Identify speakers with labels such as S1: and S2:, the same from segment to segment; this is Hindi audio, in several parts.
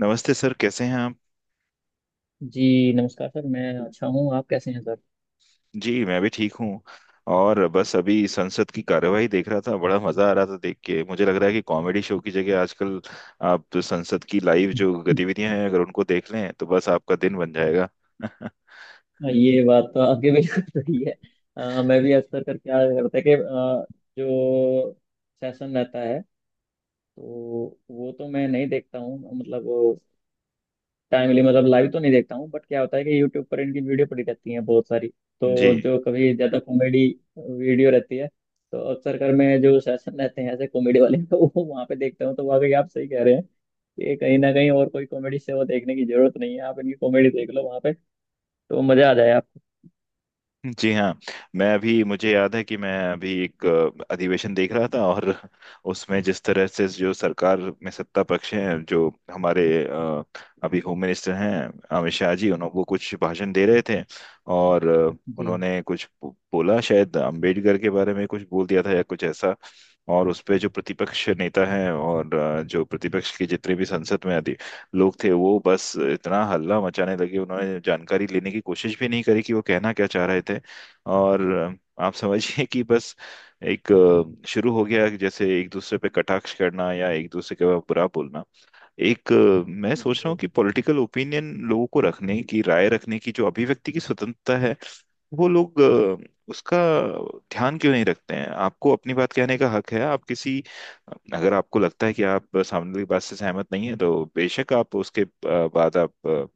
S1: नमस्ते सर कैसे हैं आप।
S2: जी नमस्कार सर, मैं अच्छा हूँ। आप कैसे हैं सर?
S1: जी मैं भी ठीक हूँ। और बस अभी संसद की कार्यवाही देख रहा था, बड़ा मजा आ रहा था देख के। मुझे लग रहा है कि कॉमेडी शो की जगह आजकल आप तो संसद की लाइव जो गतिविधियां हैं अगर उनको देख लें तो बस आपका दिन बन जाएगा।
S2: ये बात तो आपकी बिल्कुल सही है। मैं भी अक्सर कर क्या करता है कि जो सेशन रहता है तो वो तो मैं नहीं देखता हूँ, मतलब टाइमली, मतलब लाइव तो नहीं देखता हूँ, बट क्या होता है कि यूट्यूब पर इनकी वीडियो पड़ी रहती है बहुत सारी।
S1: जी।
S2: तो जो कभी ज्यादा कॉमेडी वीडियो रहती है तो अक्सर कर मैं जो सेशन रहते हैं ऐसे कॉमेडी वाले तो वो वहाँ पे देखता हूँ। तो वाकई आप सही कह रहे हैं कि कहीं ना कहीं और कोई कॉमेडी से वो देखने की जरूरत नहीं है, आप इनकी कॉमेडी देख लो वहाँ पे तो मजा आ जाए आपको।
S1: जी हाँ, मैं अभी, मुझे याद है कि मैं अभी एक अधिवेशन देख रहा था और उसमें जिस तरह से जो सरकार में सत्ता पक्ष हैं, जो हमारे अभी होम मिनिस्टर हैं अमित शाह जी, उन्होंने वो कुछ भाषण दे रहे थे और
S2: जी,
S1: उन्होंने कुछ बोला, शायद अंबेडकर के बारे में कुछ बोल दिया था या कुछ ऐसा। और उस पे जो प्रतिपक्ष नेता हैं और जो प्रतिपक्ष के जितने भी संसद में लोग थे, वो बस इतना हल्ला मचाने लगे, उन्होंने जानकारी लेने की कोशिश भी नहीं करी कि वो कहना क्या चाह रहे थे। और आप समझिए कि बस एक शुरू हो गया कि जैसे एक दूसरे पे कटाक्ष करना या एक दूसरे के बारे बुरा बोलना। एक मैं सोच रहा हूँ
S2: जी,
S1: कि पॉलिटिकल ओपिनियन लोगों को रखने की, राय रखने की जो अभिव्यक्ति की स्वतंत्रता है, वो लोग उसका ध्यान क्यों नहीं रखते हैं। आपको अपनी बात कहने का हक है, आप किसी, अगर आपको लगता है कि आप सामने वाली बात से सहमत नहीं है तो बेशक आप उसके बाद आप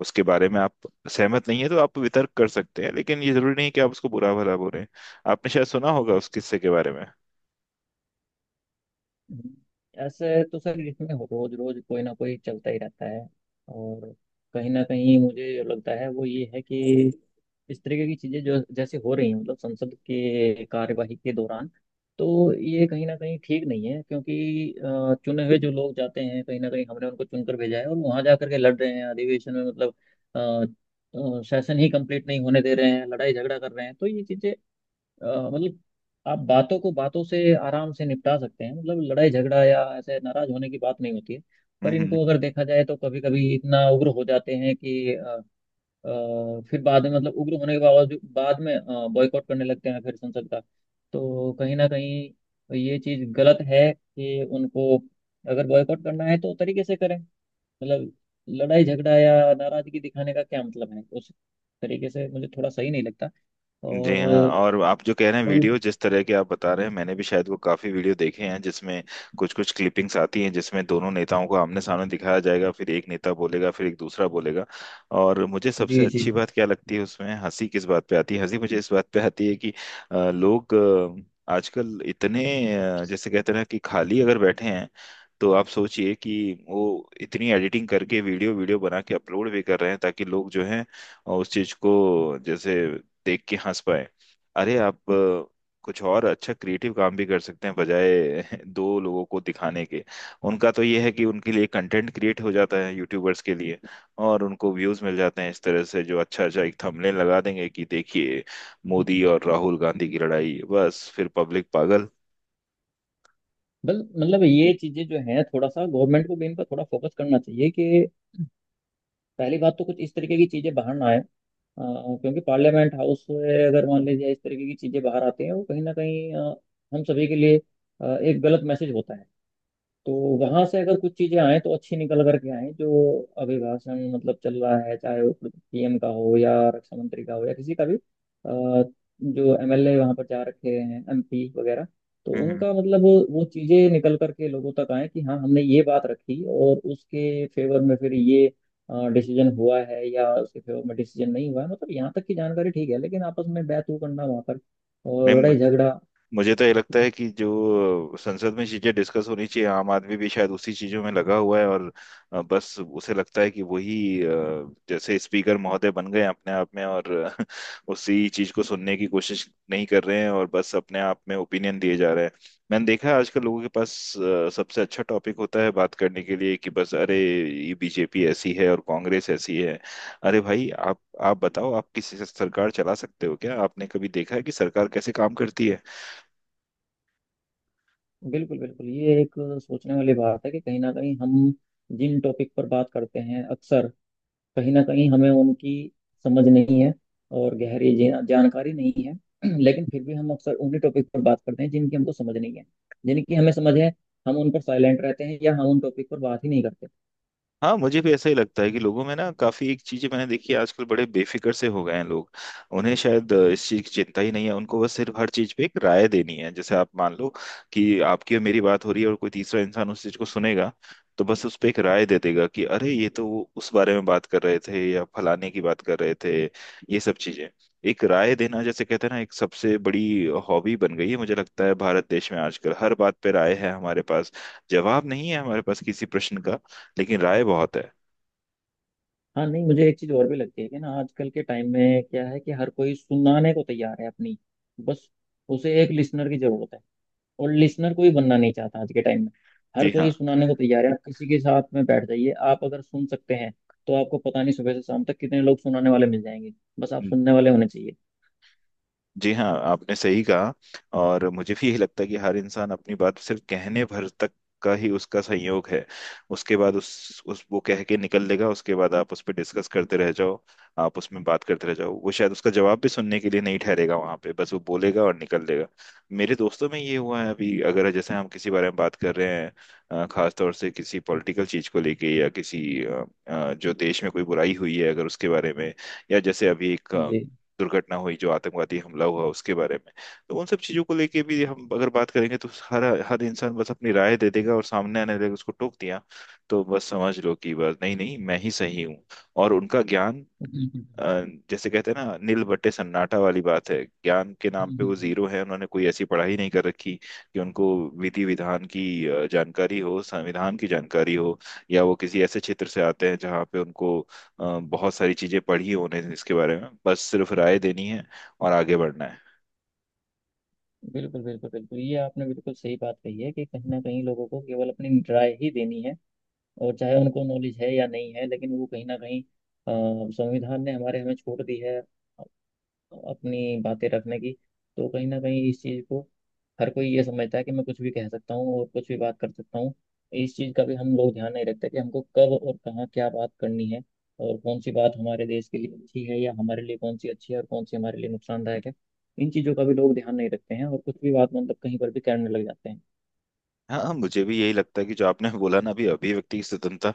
S1: उसके बारे में आप सहमत नहीं है तो आप वितर्क कर सकते हैं, लेकिन ये जरूरी नहीं कि आप उसको बुरा भला बोलें। आपने शायद सुना होगा उस किस्से के बारे
S2: हम्म। ऐसे तो सर इसमें रोज रोज कोई ना कोई चलता ही रहता है। और कहीं ना कहीं मुझे लगता है वो ये है कि इस तरीके की चीजें जो जैसे हो रही हैं मतलब संसद के कार्यवाही के दौरान, तो ये कहीं ना कहीं ठीक नहीं है क्योंकि चुने हुए जो लोग जाते हैं, कहीं ना कहीं हमने उनको चुनकर भेजा है और वहां जाकर के लड़ रहे हैं अधिवेशन में, मतलब सेशन ही कंप्लीट नहीं होने दे रहे हैं, लड़ाई झगड़ा कर रहे हैं। तो ये चीजें मतलब आप बातों को बातों से आराम से निपटा सकते हैं, मतलब लड़ाई झगड़ा या ऐसे नाराज होने की बात नहीं होती है। पर
S1: में।
S2: इनको अगर देखा जाए तो कभी कभी इतना उग्र हो जाते हैं कि अ, फिर बाद में, मतलब उग्र होने के बावजूद बाद में बॉयकॉट करने लगते हैं फिर संसद का। तो कहीं ना कहीं ये चीज गलत है कि उनको अगर बॉयकॉट करना है तो तरीके से करें, मतलब लड़ाई झगड़ा या नाराजगी दिखाने का क्या मतलब है उस तरीके से, मुझे थोड़ा सही नहीं लगता।
S1: जी
S2: और
S1: हाँ। और आप जो कह रहे हैं,
S2: और
S1: वीडियो जिस तरह के आप बता रहे हैं, मैंने भी शायद वो काफी वीडियो देखे हैं जिसमें कुछ कुछ क्लिपिंग्स आती हैं जिसमें दोनों नेताओं को आमने सामने दिखाया जाएगा, फिर एक नेता बोलेगा फिर एक दूसरा बोलेगा। और मुझे सबसे
S2: जी, जी।
S1: अच्छी बात क्या लगती है उसमें, हंसी किस बात पे आती है? हंसी मुझे इस बात पे आती है कि लोग आजकल इतने जैसे कहते हैं ना कि खाली अगर बैठे हैं तो आप सोचिए कि वो इतनी एडिटिंग करके वीडियो वीडियो बना के अपलोड भी कर रहे हैं ताकि लोग जो हैं उस चीज को जैसे देख के हंस पाए। अरे आप कुछ और अच्छा क्रिएटिव काम भी कर सकते हैं बजाय दो लोगों को दिखाने के। उनका तो ये है कि उनके लिए कंटेंट क्रिएट हो जाता है यूट्यूबर्स के लिए, और उनको व्यूज मिल जाते हैं इस तरह से, जो अच्छा अच्छा एक थंबनेल लगा देंगे कि देखिए मोदी और राहुल गांधी की लड़ाई, बस फिर पब्लिक पागल।
S2: बल मतलब ये चीजें जो हैं थोड़ा सा गवर्नमेंट को भी इन पर थोड़ा फोकस करना चाहिए कि पहली बात तो कुछ इस तरीके की चीजें बाहर ना आए, क्योंकि पार्लियामेंट हाउस से अगर मान लीजिए इस तरीके की चीजें बाहर आती हैं, वो कहीं ना कहीं हम सभी के लिए एक गलत मैसेज होता है। तो वहां से अगर कुछ चीजें आए तो अच्छी निकल करके आए, जो अभिभाषण मतलब चल रहा है चाहे वो पीएम का हो या रक्षा मंत्री का हो या किसी का भी, जो एमएलए वहां पर जा रखे हैं, एमपी वगैरह, तो
S1: हम्म।
S2: उनका मतलब वो चीजें निकल करके लोगों तक आए कि हाँ हमने ये बात रखी और उसके फेवर में फिर ये डिसीजन हुआ है या उसके फेवर में डिसीजन नहीं हुआ है, मतलब यहाँ तक की जानकारी ठीक है, लेकिन आपस में बैतू करना वहां पर और
S1: नहीं,
S2: लड़ाई झगड़ा।
S1: मुझे तो ये लगता है कि जो संसद में चीजें डिस्कस होनी चाहिए, आम आदमी भी शायद उसी चीजों में लगा हुआ है और बस उसे लगता है कि वही अ, जैसे स्पीकर महोदय बन गए हैं अपने आप में और अ, उसी चीज को सुनने की कोशिश नहीं कर रहे हैं और बस अपने आप में ओपिनियन दिए जा रहे हैं। मैंने देखा है आजकल लोगों के पास सबसे अच्छा टॉपिक होता है बात करने के लिए कि बस अरे ये बीजेपी ऐसी है और कांग्रेस ऐसी है। अरे भाई आप, बताओ, आप किसी से सरकार चला सकते हो क्या? आपने कभी देखा है कि सरकार कैसे काम करती है?
S2: बिल्कुल, बिल्कुल, ये एक सोचने वाली बात है कि कहीं ना कहीं हम जिन टॉपिक पर बात करते हैं अक्सर, कहीं ना कहीं हमें उनकी समझ नहीं है और गहरी जानकारी नहीं है। लेकिन फिर भी हम अक्सर उन्हीं टॉपिक पर बात करते हैं जिनकी हमको समझ नहीं है। जिनकी हमें समझ है, हम उन पर साइलेंट रहते हैं या हम उन टॉपिक पर बात ही नहीं करते।
S1: हाँ, मुझे भी ऐसा ही लगता है कि लोगों में ना काफी एक चीजें मैंने देखी है, आजकल बड़े बेफिक्र से हो गए हैं लोग। उन्हें शायद इस चीज की चिंता ही नहीं है, उनको बस सिर्फ हर चीज पे एक राय देनी है। जैसे आप मान लो कि आपकी और मेरी बात हो रही है और कोई तीसरा इंसान उस चीज को सुनेगा तो बस उस पे एक राय दे देगा कि अरे ये तो वो उस बारे में बात कर रहे थे या फलाने की बात कर रहे थे। ये सब चीजें, एक राय देना, जैसे कहते हैं ना, एक सबसे बड़ी हॉबी बन गई है मुझे लगता है भारत देश में। आजकल हर बात पे राय है हमारे पास, जवाब नहीं है हमारे पास किसी प्रश्न का, लेकिन राय बहुत है।
S2: हाँ, नहीं, मुझे एक चीज़ और भी लगती है कि ना आजकल के टाइम में क्या है कि हर कोई सुनाने को तैयार है अपनी, बस उसे एक लिसनर की जरूरत है, और लिसनर कोई बनना नहीं चाहता आज के टाइम में। हर
S1: जी
S2: कोई
S1: हाँ।
S2: सुनाने को तैयार है, आप किसी के साथ में बैठ जाइए, आप अगर सुन सकते हैं तो आपको पता नहीं सुबह से शाम तक कितने लोग सुनाने वाले मिल जाएंगे, बस आप सुनने वाले होने चाहिए।
S1: जी हाँ, आपने सही कहा। और मुझे भी यही लगता है कि हर इंसान अपनी बात सिर्फ कहने भर तक का ही उसका संयोग है। उसके बाद उस वो कह के निकल देगा, उसके बाद आप उस पर डिस्कस करते रह जाओ, आप उसमें बात करते रह जाओ, वो शायद उसका जवाब भी सुनने के लिए नहीं ठहरेगा वहां पे, बस वो बोलेगा और निकल देगा। मेरे दोस्तों में ये हुआ है, अभी अगर जैसे हम किसी बारे में बात कर रहे हैं खास तौर से किसी पॉलिटिकल चीज को लेके या किसी जो देश में कोई बुराई हुई है अगर उसके बारे में, या जैसे अभी एक
S2: जी,
S1: दुर्घटना हुई जो आतंकवादी हमला हुआ उसके बारे में, तो उन सब चीजों को लेके भी हम अगर बात करेंगे तो हर हर इंसान बस अपनी राय दे देगा और सामने आने देगा उसको टोक दिया। तो बस समझ लो कि बस, नहीं नहीं मैं ही सही हूँ, और उनका ज्ञान,
S2: बिल्कुल।
S1: जैसे कहते हैं ना नील बट्टे सन्नाटा वाली बात है, ज्ञान के
S2: हम्म,
S1: नाम पे वो
S2: हम्म, हम्म।
S1: जीरो है। उन्होंने कोई ऐसी पढ़ाई नहीं कर रखी कि उनको विधि विधान की जानकारी हो, संविधान की जानकारी हो, या वो किसी ऐसे क्षेत्र से आते हैं जहाँ पे उनको बहुत सारी चीजें पढ़ी होने। इसके बारे में बस सिर्फ राय देनी है और आगे बढ़ना है।
S2: बिल्कुल, बिल्कुल, बिल्कुल, ये आपने बिल्कुल सही बात कही है कि कहीं ना कहीं लोगों को केवल अपनी राय ही देनी है। और चाहे उनको नॉलेज है या नहीं है, लेकिन वो कहीं ना कहीं, संविधान ने हमारे हमें छूट दी है अपनी बातें रखने की। तो कहीं ना कहीं इस चीज़ को हर कोई ये समझता है कि मैं कुछ भी कह सकता हूँ और कुछ भी बात कर सकता हूँ। इस चीज़ का भी हम लोग ध्यान नहीं रखते कि हमको कब और कहाँ क्या बात करनी है, और कौन सी बात हमारे देश के लिए अच्छी है या हमारे लिए कौन सी अच्छी है और कौन सी हमारे लिए नुकसानदायक है। इन चीज़ों का भी लोग ध्यान नहीं रखते हैं और कुछ भी बात मतलब कहीं पर भी करने लग जाते हैं।
S1: हाँ हाँ, मुझे भी यही लगता है कि जो आपने बोला ना अभी, अभिव्यक्ति की स्वतंत्रता।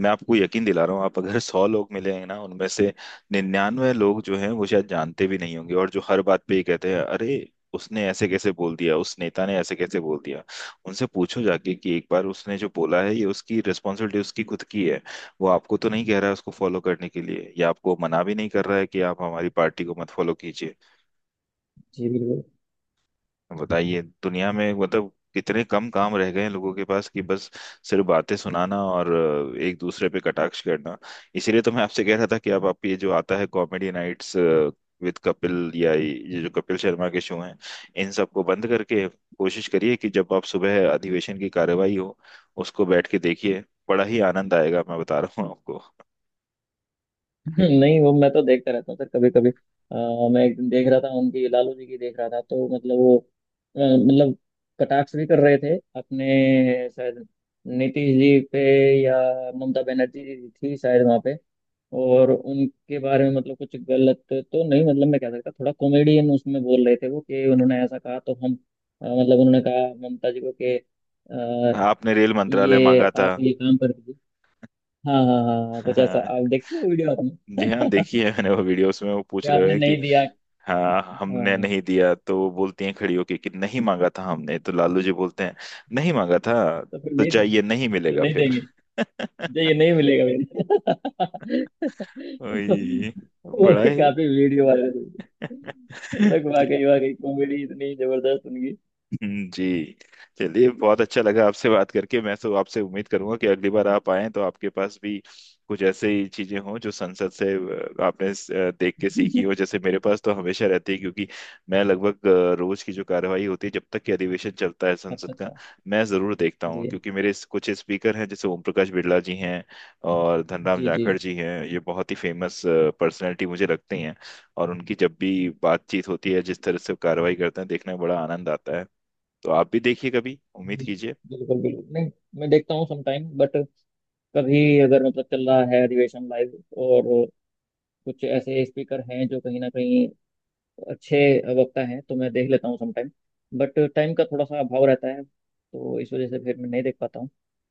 S1: मैं आपको यकीन दिला रहा हूँ, आप अगर 100 लोग मिले हैं ना, उनमें से 99 लोग जो हैं वो शायद जानते भी नहीं होंगे, और जो हर बात पे ये कहते हैं, अरे उसने ऐसे कैसे बोल दिया, उस नेता ने ऐसे कैसे बोल दिया, उनसे पूछो जाके कि एक बार। उसने जो बोला है ये उसकी रिस्पॉन्सिबिलिटी उसकी खुद की है, वो आपको तो नहीं कह रहा है उसको फॉलो करने के लिए, या आपको मना भी नहीं कर रहा है कि आप हमारी पार्टी को मत फॉलो कीजिए।
S2: जी, बिल्कुल।
S1: बताइए दुनिया में मतलब कितने कम काम रह गए हैं लोगों के पास कि बस सिर्फ बातें सुनाना और एक दूसरे पे कटाक्ष करना। इसीलिए तो मैं आपसे कह रहा था कि आप ये जो आता है कॉमेडी नाइट्स विद कपिल या ये जो कपिल शर्मा के शो हैं, इन सबको बंद करके कोशिश करिए कि जब आप, सुबह अधिवेशन की कार्यवाही हो, उसको बैठ के देखिए, बड़ा ही आनंद आएगा, मैं बता रहा हूँ आपको।
S2: नहीं, वो मैं तो देखता रहता हूँ सर कभी कभी। मैं एक दिन देख रहा था, उनकी लालू जी की देख रहा था, तो मतलब वो मतलब कटाक्ष भी कर रहे थे अपने शायद नीतीश जी पे, या ममता बनर्जी जी थी शायद वहाँ पे। और उनके बारे में मतलब कुछ गलत तो नहीं, मतलब मैं कह सकता थोड़ा कॉमेडियन उसमें बोल रहे थे वो, कि उन्होंने ऐसा कहा तो हम, मतलब उन्होंने कहा ममता जी को कि अ,
S1: आपने रेल मंत्रालय
S2: ये
S1: मांगा था।
S2: आप ये काम कर दीजिए। हाँ, हाँ, हाँ, हाँ, कुछ ऐसा आप देखिए वीडियो
S1: जी हाँ, देखी
S2: आपने।
S1: है मैंने वो वीडियो, उसमें वो पूछ
S2: ये
S1: रहे
S2: आपने
S1: हैं कि,
S2: नहीं दिया।
S1: हाँ हमने
S2: हाँ।
S1: नहीं दिया, तो वो बोलती हैं खड़ी होके कि नहीं मांगा था हमने, तो लालू जी बोलते हैं नहीं मांगा था,
S2: तो फिर
S1: तो
S2: नहीं दिया,
S1: जाइए नहीं
S2: तो
S1: मिलेगा
S2: नहीं
S1: फिर।
S2: देंगे, जो ये नहीं मिलेगा मेरे। तो
S1: वही,
S2: वो
S1: बड़ा
S2: भी
S1: ही
S2: काफी वीडियो वायरल हुई। लग,
S1: जी।
S2: वाकई वाकई कॉमेडी इतनी जबरदस्त उनकी।
S1: जी। चलिए, बहुत अच्छा लगा आपसे बात करके। मैं तो आपसे उम्मीद करूंगा कि अगली बार आप आएं तो आपके पास भी कुछ ऐसे ही चीजें हों जो संसद से आपने देख के सीखी हो, जैसे मेरे पास तो हमेशा रहती है, क्योंकि मैं लगभग रोज की जो कार्यवाही होती है जब तक कि अधिवेशन चलता है
S2: अच्छा,
S1: संसद का,
S2: अच्छा।
S1: मैं जरूर देखता हूँ,
S2: जी,
S1: क्योंकि मेरे कुछ स्पीकर हैं जैसे ओम प्रकाश बिरला जी हैं और धनराम
S2: जी। जी,
S1: जाखड़ जी हैं, ये बहुत ही फेमस पर्सनैलिटी मुझे लगती हैं, और उनकी जब भी बातचीत होती है जिस तरह से वो कार्रवाई करते हैं, देखने में बड़ा आनंद आता है। तो आप भी देखिए कभी, उम्मीद
S2: जी,
S1: कीजिए।
S2: बिल्कुल, बिल्कुल। नहीं, मैं देखता हूँ समटाइम, बट कभी अगर मतलब चल रहा है अधिवेशन लाइव, और कुछ ऐसे स्पीकर हैं जो कहीं ना कहीं अच्छे वक्ता हैं, तो मैं देख लेता हूँ समटाइम। बट टाइम का थोड़ा सा अभाव रहता है, तो इस वजह से फिर मैं नहीं देख पाता हूँ।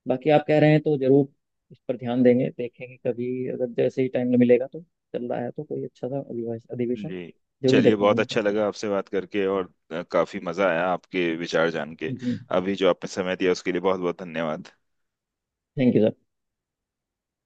S2: बाकी आप कह रहे हैं तो जरूर इस पर ध्यान देंगे, देखेंगे कभी, अगर जैसे ही टाइम मिलेगा तो, चल रहा है तो कोई अच्छा सा अधिवेशन
S1: जी।
S2: जरूर
S1: चलिए
S2: देखूंगा
S1: बहुत
S2: मैं।
S1: अच्छा लगा आपसे बात करके, और काफी मजा आया आपके विचार जान के।
S2: जी।
S1: अभी जो आपने समय दिया उसके लिए बहुत बहुत धन्यवाद।
S2: Thank you sir.